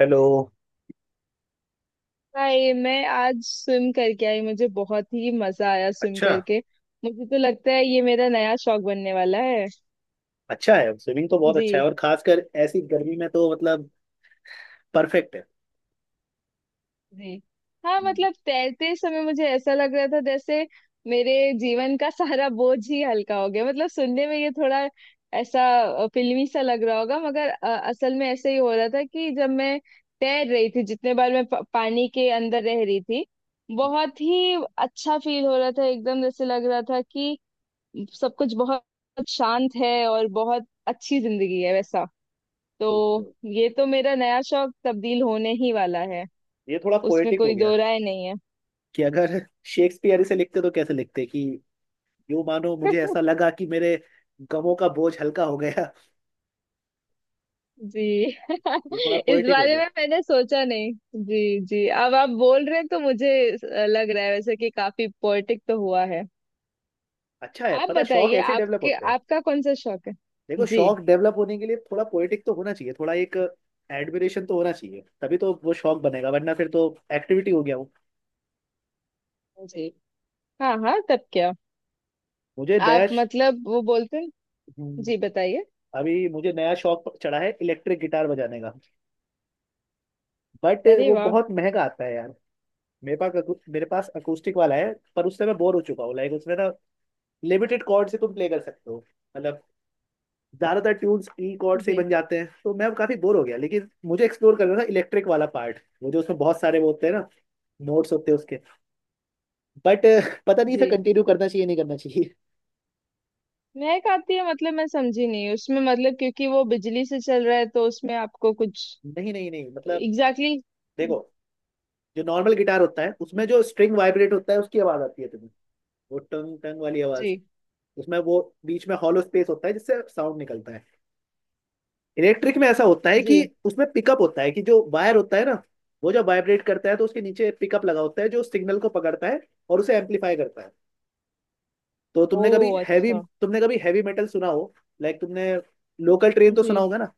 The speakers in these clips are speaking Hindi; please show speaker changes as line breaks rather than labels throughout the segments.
हेलो।
भाई, मैं आज स्विम करके आई। मुझे बहुत ही मजा आया स्विम
अच्छा।
करके। मुझे तो लगता है ये मेरा नया शौक बनने वाला है।
अच्छा है, स्विमिंग तो बहुत
जी।
अच्छा है और खासकर ऐसी गर्मी में तो मतलब परफेक्ट है।
जी। हाँ,
हम्म,
मतलब तैरते समय मुझे ऐसा लग रहा था जैसे मेरे जीवन का सारा बोझ ही हल्का हो गया। मतलब सुनने में ये थोड़ा ऐसा फिल्मी सा लग रहा होगा, मगर असल में ऐसे ही हो रहा था कि जब मैं तैर रही थी, जितने बार मैं पानी के अंदर रह रही थी बहुत ही अच्छा फील हो रहा था। एकदम जैसे लग रहा था कि सब कुछ बहुत शांत है और बहुत अच्छी जिंदगी है, वैसा।
ठीक
तो
है।
ये तो मेरा नया शौक तब्दील होने ही वाला है।
ये थोड़ा
उसमें
पोएटिक हो
कोई
गया
दो राय नहीं है।
कि अगर शेक्सपियर इसे लिखते तो कैसे लिखते कि यूं मानो मुझे ऐसा लगा कि मेरे गमों का बोझ हल्का हो गया।
जी।
ये थोड़ा
इस
पोएटिक हो
बारे
गया।
में मैंने सोचा नहीं। जी, जी, अब आप बोल रहे हैं तो मुझे लग रहा है वैसे कि काफी पोएटिक तो हुआ है।
अच्छा है,
आप
पता शौक
बताइए,
ऐसे डेवलप
आपके
होते हैं।
आपका कौन सा शौक है?
देखो,
जी।
शौक डेवलप होने के लिए थोड़ा पोएटिक तो होना चाहिए, थोड़ा एक एडमिरेशन तो होना चाहिए, तभी तो वो शौक बनेगा, वरना फिर तो एक्टिविटी हो गया वो।
जी। हाँ, हाँ, तब क्या?
मुझे दया।
आप मतलब वो बोलते हैं। जी, बताइए।
अभी मुझे नया शौक चढ़ा है, इलेक्ट्रिक गिटार बजाने का। बट
अरे
वो
वाह।
बहुत महंगा आता है यार। मेरे पास अकूस्टिक वाला है पर उससे मैं बोर हो चुका हूँ। लाइक उसमें ना लिमिटेड कॉर्ड से तुम प्ले कर सकते हो। मतलब ज्यादातर ट्यून्स ई कॉर्ड से ही
जी।
बन जाते हैं, तो मैं काफी बोर हो गया, लेकिन मुझे एक्सप्लोर करना था इलेक्ट्रिक वाला पार्ट। वो जो उसमें बहुत सारे वो होते हैं ना, नोट्स होते हैं उसके। बट पता नहीं इसे
जी।
कंटिन्यू करना चाहिए नहीं करना चाहिए।
मैं खाती है, मतलब मैं समझी नहीं उसमें, मतलब क्योंकि वो बिजली से चल रहा है तो उसमें आपको कुछ।
नहीं नहीं नहीं, मतलब
एग्जैक्टली exactly,
देखो, जो नॉर्मल गिटार होता है उसमें जो स्ट्रिंग वाइब्रेट होता है उसकी आवाज आती है तुम्हें, वो टंग टंग वाली आवाज।
जी।
उसमें वो बीच में हॉलो स्पेस होता है जिससे साउंड निकलता है। इलेक्ट्रिक में ऐसा होता है
जी।
कि उसमें पिकअप होता है कि जो वायर होता है ना, वो जब वाइब्रेट करता है तो उसके नीचे पिकअप लगा होता है जो सिग्नल को पकड़ता है और उसे एम्पलीफाई करता है। तो
ओ, अच्छा।
तुमने कभी हैवी मेटल सुना हो। लाइक तुमने लोकल ट्रेन तो सुना
जी।
होगा ना।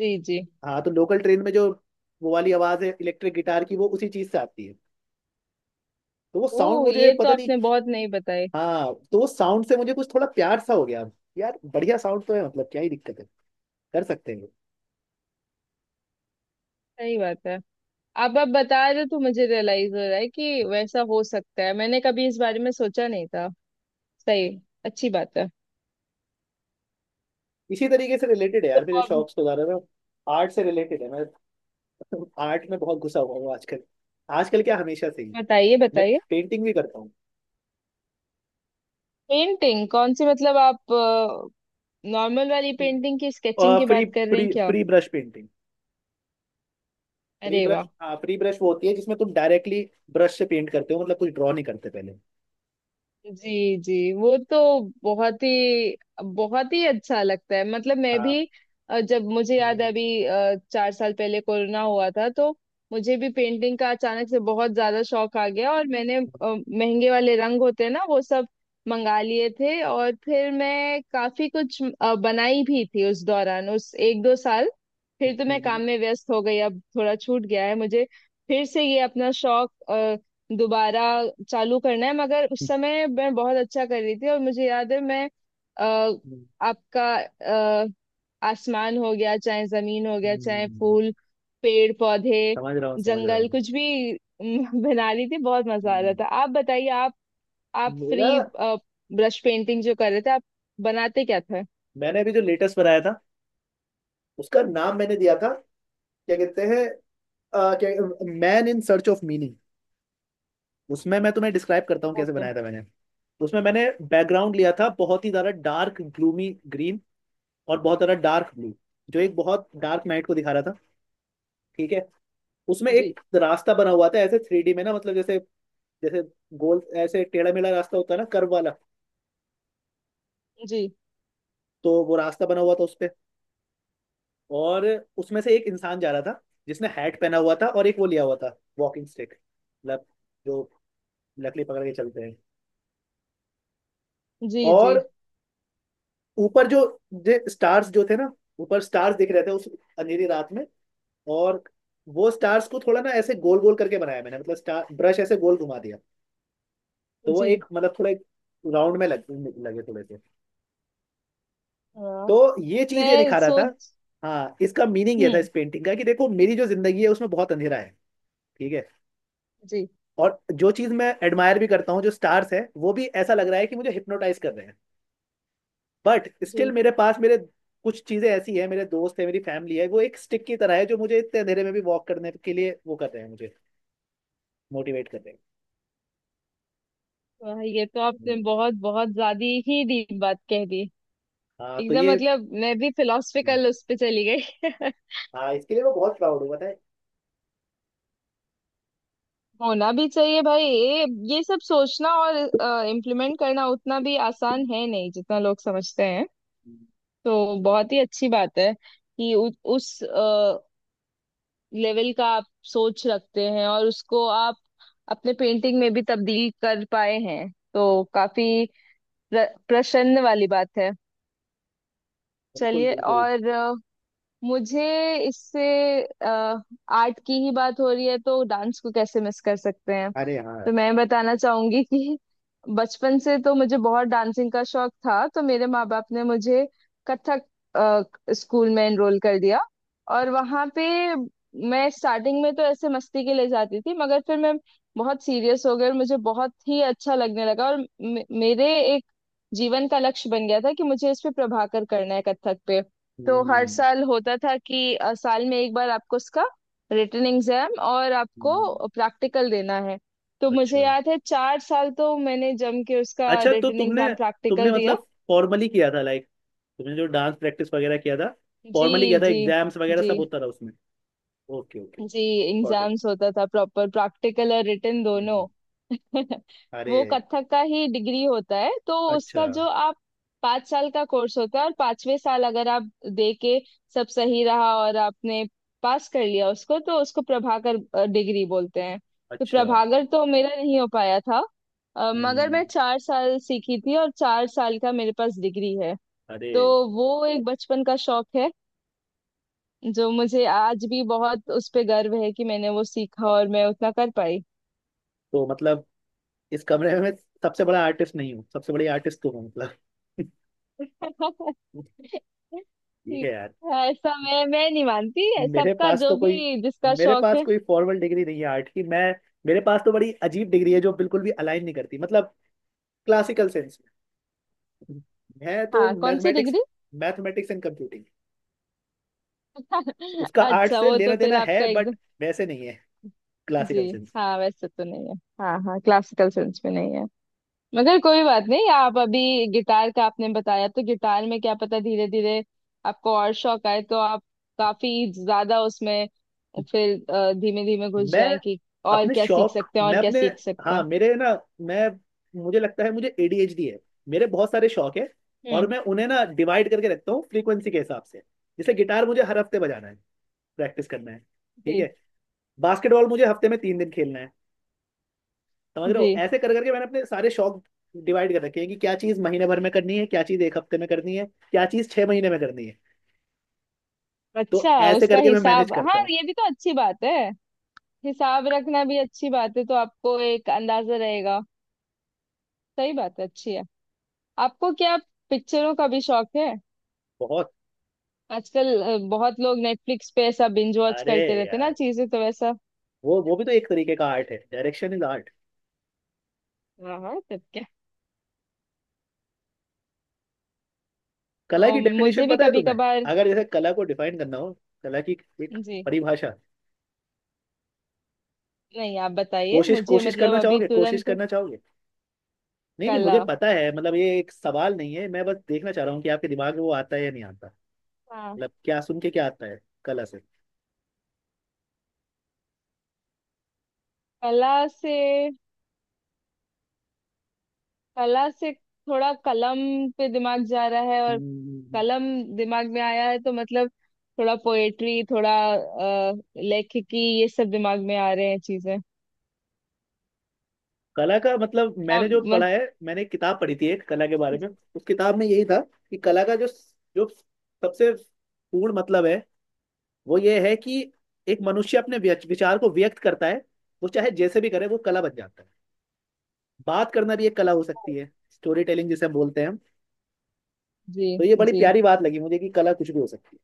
जी। जी।
हाँ, तो लोकल ट्रेन में जो वो वाली आवाज है, इलेक्ट्रिक गिटार की वो उसी चीज से आती है। तो वो साउंड
ओ,
मुझे
ये तो
पता नहीं।
आपने बहुत नहीं बताई।
हाँ, तो वो साउंड से मुझे कुछ थोड़ा प्यार सा हो गया। यार बढ़िया साउंड तो है, मतलब क्या ही दिक्कत है, कर सकते हैं।
सही बात है। अब आप बता रहे हो तो मुझे रियलाइज हो रहा है कि वैसा हो सकता है। मैंने कभी इस बारे में सोचा नहीं था। सही। अच्छी बात है।
इसी तरीके से रिलेटेड है
तो
यार, मेरे
अब
शौक से ज्यादा ना आर्ट से रिलेटेड है। मैं आर्ट में बहुत घुसा हुआ हूँ आजकल। आजकल क्या, हमेशा से ही।
बताइए,
मैं
बताइए।
पेंटिंग भी करता हूँ।
पेंटिंग कौन सी, मतलब आप नॉर्मल वाली पेंटिंग की, स्केचिंग
और
की
फ्री
बात कर रहे हैं
फ्री
क्या?
Free brush painting. फ्री
अरे
ब्रश,
वाह।
हाँ फ्री ब्रश वो होती है जिसमें तुम डायरेक्टली ब्रश से पेंट करते हो, मतलब कुछ ड्रॉ नहीं करते पहले।
जी, जी, वो तो बहुत ही, बहुत ही अच्छा लगता है। मतलब मैं
हाँ,
भी जब मुझे याद है, अभी चार साल पहले कोरोना हुआ था, तो मुझे भी पेंटिंग का अचानक से बहुत ज्यादा शौक आ गया। और मैंने महंगे वाले रंग होते हैं ना, वो सब मंगा लिए थे। और फिर मैं काफी कुछ बनाई भी थी उस दौरान, उस 1-2 साल। फिर तो मैं काम में व्यस्त हो गई। अब थोड़ा छूट गया है। मुझे फिर से ये अपना शौक दोबारा चालू करना है। मगर उस समय मैं बहुत अच्छा कर रही थी, और मुझे याद है मैं अ, आपका अ, आसमान हो गया, चाहे जमीन हो गया, चाहे फूल, पेड़ पौधे,
समझ रहा हूँ समझ रहा
जंगल,
हूँ।
कुछ भी बना रही थी, बहुत मजा आ रहा
हम्म,
था। आप बताइए, आप
मेरा
फ्री ब्रश पेंटिंग जो कर रहे थे, आप बनाते क्या थे?
मैंने अभी जो लेटेस्ट बनाया था उसका नाम मैंने दिया था, क्या कहते हैं, क्या, man in search of meaning. उसमें मैं तुम्हें डिस्क्राइब करता हूँ कैसे
ओके।
बनाया था मैंने। तो उसमें मैंने बैकग्राउंड लिया था बहुत ही ज्यादा डार्क ग्लूमी ग्रीन और बहुत ज्यादा डार्क ब्लू, जो एक बहुत डार्क नाइट को दिखा रहा था, ठीक है। उसमें
जी,
एक रास्ता बना हुआ था ऐसे थ्री डी में ना, मतलब जैसे जैसे गोल ऐसे टेढ़ा मेढ़ा रास्ता होता है ना, कर्व वाला।
जी,
तो वो रास्ता बना हुआ था उस पे, और उसमें से एक इंसान जा रहा था जिसने हैट पहना हुआ था और एक वो लिया हुआ था वॉकिंग स्टिक, मतलब जो लकड़ी पकड़ के चलते हैं।
जी, जी,
और ऊपर जो जे स्टार्स जो थे ना, ऊपर स्टार्स दिख रहे थे उस अंधेरी रात में। और वो स्टार्स को थोड़ा ना ऐसे गोल गोल करके बनाया मैंने, मतलब स्टार ब्रश ऐसे गोल घुमा दिया। तो वो
जी।
एक मतलब थोड़ा एक राउंड में लगे थोड़े से।
हाँ।
तो ये चीज ये
मैं
दिखा रहा था।
सोच।
हाँ, इसका मीनिंग ये था
हम्म।
इस पेंटिंग का कि देखो, मेरी जो जिंदगी है उसमें बहुत अंधेरा है, ठीक है।
जी।
और जो चीज मैं एडमायर भी करता हूँ, जो स्टार्स है, वो भी ऐसा लग रहा है कि मुझे हिप्नोटाइज कर रहे हैं। बट स्टिल
जी।
मेरे पास मेरे कुछ चीजें ऐसी है, मेरे दोस्त है, मेरी फैमिली है, वो एक स्टिक की तरह है जो मुझे इतने अंधेरे में भी वॉक करने के लिए वो कर रहे हैं, मुझे मोटिवेट कर रहे हैं।
वाह, ये तो आपने
हम्म,
बहुत, बहुत ज्यादा ही डीप बात कह दी।
हाँ तो
एकदम,
ये।
मतलब मैं भी
हम्म,
फिलोसफिकल उस पे चली गई।
हाँ इसके लिए मैं बहुत प्राउड हूँ, पता है।
होना भी चाहिए भाई। ये सब सोचना और इम्प्लीमेंट करना उतना भी आसान है नहीं जितना लोग समझते हैं।
हम्म,
तो बहुत ही अच्छी बात है कि उस लेवल का आप सोच रखते हैं, और उसको आप अपने पेंटिंग में भी तब्दील कर पाए हैं तो काफी प्रसन्न वाली बात है।
बिल्कुल
चलिए।
बिल्कुल।
और मुझे, इससे आर्ट की ही बात हो रही है तो डांस को कैसे मिस कर सकते हैं।
अरे हाँ।
तो मैं बताना चाहूंगी कि बचपन से तो मुझे बहुत डांसिंग का शौक था। तो मेरे माँ बाप ने मुझे कथक स्कूल में एनरोल कर दिया। और वहाँ पे मैं स्टार्टिंग में तो ऐसे मस्ती के लिए जाती थी, मगर फिर मैं बहुत सीरियस हो गई और मुझे बहुत ही अच्छा लगने लगा। और मेरे एक जीवन का लक्ष्य बन गया था कि मुझे इस पे प्रभाकर करना है, कथक पे। तो हर
हम्म,
साल होता था कि साल में एक बार आपको उसका रिटन एग्जाम और
हम्म।
आपको प्रैक्टिकल देना है। तो मुझे
अच्छा।
याद है, 4 साल तो मैंने जम के उसका
अच्छा तो
रिटन
तुमने
एग्जाम
तुमने
प्रैक्टिकल दिया।
मतलब फॉर्मली किया था, लाइक तुमने जो डांस प्रैक्टिस वगैरह किया था
जी।
फॉर्मली किया था,
जी।
एग्जाम्स वगैरह
जी।
सब होता था उसमें। Okay okay.
जी।
Got it.
एग्जाम्स होता था, प्रॉपर प्रैक्टिकल और रिटन दोनों।
हम्म, अरे,
वो कथक का ही डिग्री होता है, तो
अच्छा।
उसका जो आप 5 साल का कोर्स होता है, और 5वें साल अगर आप दे के सब सही रहा और आपने पास कर लिया उसको, तो उसको प्रभाकर डिग्री बोलते हैं। तो
अच्छा।
प्रभाकर तो मेरा नहीं हो पाया था, मगर
हम्म।
मैं 4 साल सीखी थी, और 4 साल का मेरे पास डिग्री है।
अरे।
तो वो एक बचपन का शौक है जो मुझे आज भी बहुत उस पे गर्व है कि मैंने वो सीखा और मैं उतना कर पाई।
तो मतलब इस कमरे में मैं सबसे बड़ा आर्टिस्ट नहीं हूँ, सबसे बड़ी आर्टिस्ट तू हूँ मतलब। ठीक है यार।
ऐसा मैं नहीं मानती,
मेरे
सबका
पास
जो
तो कोई,
भी, जिसका
मेरे
शौक
पास
है।
कोई फॉर्मल डिग्री नहीं है आर्ट की। मैं, मेरे पास तो बड़ी अजीब डिग्री है जो बिल्कुल भी अलाइन नहीं करती, मतलब क्लासिकल सेंस में। मैं तो
हाँ, कौन सी
mathematics,
degree?
Mathematics and computing. उसका आर्ट
अच्छा,
से
वो तो
लेना
फिर
देना
आपका
है, बट
एकदम।
वैसे नहीं है
जी।
क्लासिकल सेंस में।
हाँ, वैसे तो नहीं है। हाँ, हाँ, क्लासिकल सेंस में नहीं है। मगर कोई बात नहीं, आप अभी गिटार का आपने बताया, तो गिटार में क्या पता, धीरे धीरे आपको और शौक आए तो आप काफी ज्यादा उसमें फिर धीमे धीमे घुस
मैं
जाए कि और
अपने
क्या सीख
शौक,
सकते हैं, और
मैं
क्या
अपने,
सीख सकते
हाँ
हैं।
मेरे ना, मैं, मुझे लगता है मुझे एडीएचडी है। मेरे बहुत सारे शौक है और
हम्म।
मैं उन्हें ना डिवाइड करके रखता हूँ फ्रीक्वेंसी के हिसाब से। जैसे गिटार मुझे हर हफ्ते बजाना है, प्रैक्टिस करना है, ठीक
जी।
है। बास्केटबॉल मुझे हफ्ते में तीन दिन खेलना है। समझ रहे हो,
जी।
ऐसे कर करके मैंने अपने सारे शौक डिवाइड कर रखे हैं कि क्या चीज महीने भर में करनी है, क्या चीज एक हफ्ते में करनी है, क्या चीज छह महीने में करनी है। तो
अच्छा,
ऐसे
उसका
करके मैं मैनेज
हिसाब, हाँ
करता हूँ।
ये भी तो अच्छी बात है। हिसाब रखना भी अच्छी बात है, तो आपको एक अंदाजा रहेगा। सही बात है। अच्छी है। आपको क्या पिक्चरों का भी शौक है?
बहुत।
आजकल बहुत लोग नेटफ्लिक्स पे ऐसा बिंज वॉच
अरे
करते रहते हैं ना
यार,
चीजें, तो वैसा।
वो भी तो एक तरीके का आर्ट है, डायरेक्शन इज आर्ट।
हाँ, हाँ, तब क्या?
कला की
और
डेफिनेशन
मुझे भी
पता है
कभी
तुम्हें,
कभार।
अगर जैसे कला को डिफाइन करना हो, कला की एक
जी,
परिभाषा,
नहीं, आप बताइए
कोशिश,
मुझे,
कोशिश
मतलब
करना
अभी
चाहोगे, कोशिश
तुरंत।
करना चाहोगे। नहीं नहीं,
कला।
मुझे पता है, मतलब ये एक सवाल नहीं है, मैं बस देखना चाह रहा हूँ कि आपके दिमाग में वो आता है या नहीं आता।
हाँ।
मतलब क्या सुन के क्या आता है कला से।
कला से। कला से थोड़ा कलम पे दिमाग जा रहा है, और
हम्म,
कलम दिमाग में आया है तो मतलब थोड़ा पोएट्री, थोड़ा लेखिकी, ये सब दिमाग में आ रहे हैं चीजें।
कला का मतलब
क्या
मैंने जो पढ़ा
मस्त।
है, मैंने एक किताब पढ़ी थी एक कला के बारे में, उस किताब में यही था कि कला का जो, जो सबसे पूर्ण मतलब है, वो ये है कि एक मनुष्य अपने विचार को व्यक्त करता है, वो चाहे जैसे भी करे वो कला बन जाता है। बात करना भी एक कला हो सकती है, स्टोरी टेलिंग जिसे हम बोलते हैं हम।
जी।
तो ये बड़ी
जी।
प्यारी बात लगी मुझे कि कला कुछ भी हो सकती है।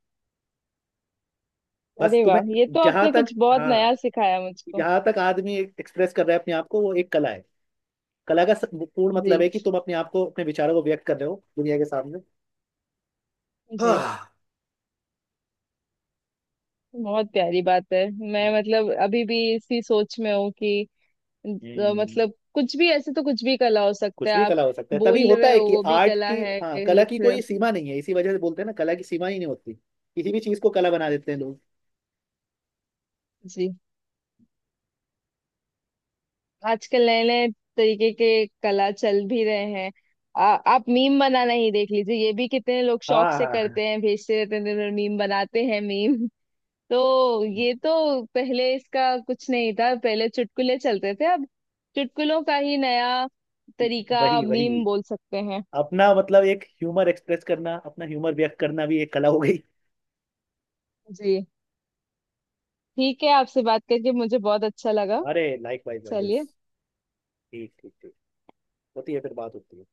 बस
अरे
तुम्हें,
वाह, ये तो
जहां
आपने
तक,
कुछ बहुत
हाँ
नया सिखाया मुझको।
जहां तक आदमी एक्सप्रेस कर रहा है अपने आप को, वो एक कला है। कला का पूर्ण
जी।
मतलब है कि तुम अपने आप को, अपने विचारों को व्यक्त कर रहे हो दुनिया के सामने।
जी।
हाँ।
बहुत प्यारी बात है। मैं मतलब अभी भी इसी सोच में हूँ कि अ,
हम्म,
मतलब कुछ भी, ऐसे तो कुछ भी कला हो सकता
कुछ
है।
भी
आप
कला हो सकता है, तभी
बोल
होता
रहे
है
हो
कि
वो भी
आर्ट
कला
की,
है।
हाँ कला
लिख
की
रहे हो।
कोई सीमा नहीं है। इसी वजह से बोलते हैं ना, कला की सीमा ही नहीं होती, किसी भी चीज को कला बना देते हैं लोग।
जी। आजकल नए नए तरीके के कला चल भी रहे हैं। आप मीम बनाना ही देख लीजिए, ये भी कितने लोग शौक से
हाँ,
करते हैं, भेजते रहते हैं, मीम बनाते हैं मीम। तो ये तो पहले इसका कुछ नहीं था, पहले चुटकुले चलते थे, अब चुटकुलों का ही नया तरीका
वही
मीम
वही
बोल सकते हैं।
अपना मतलब एक ह्यूमर एक्सप्रेस करना, अपना ह्यूमर व्यक्त करना भी एक कला हो गई।
जी। ठीक है, आपसे बात करके मुझे बहुत अच्छा लगा।
अरे लाइक वाइज।
चलिए।
ठीक ठीक ठीक। होती है, फिर बात होती है।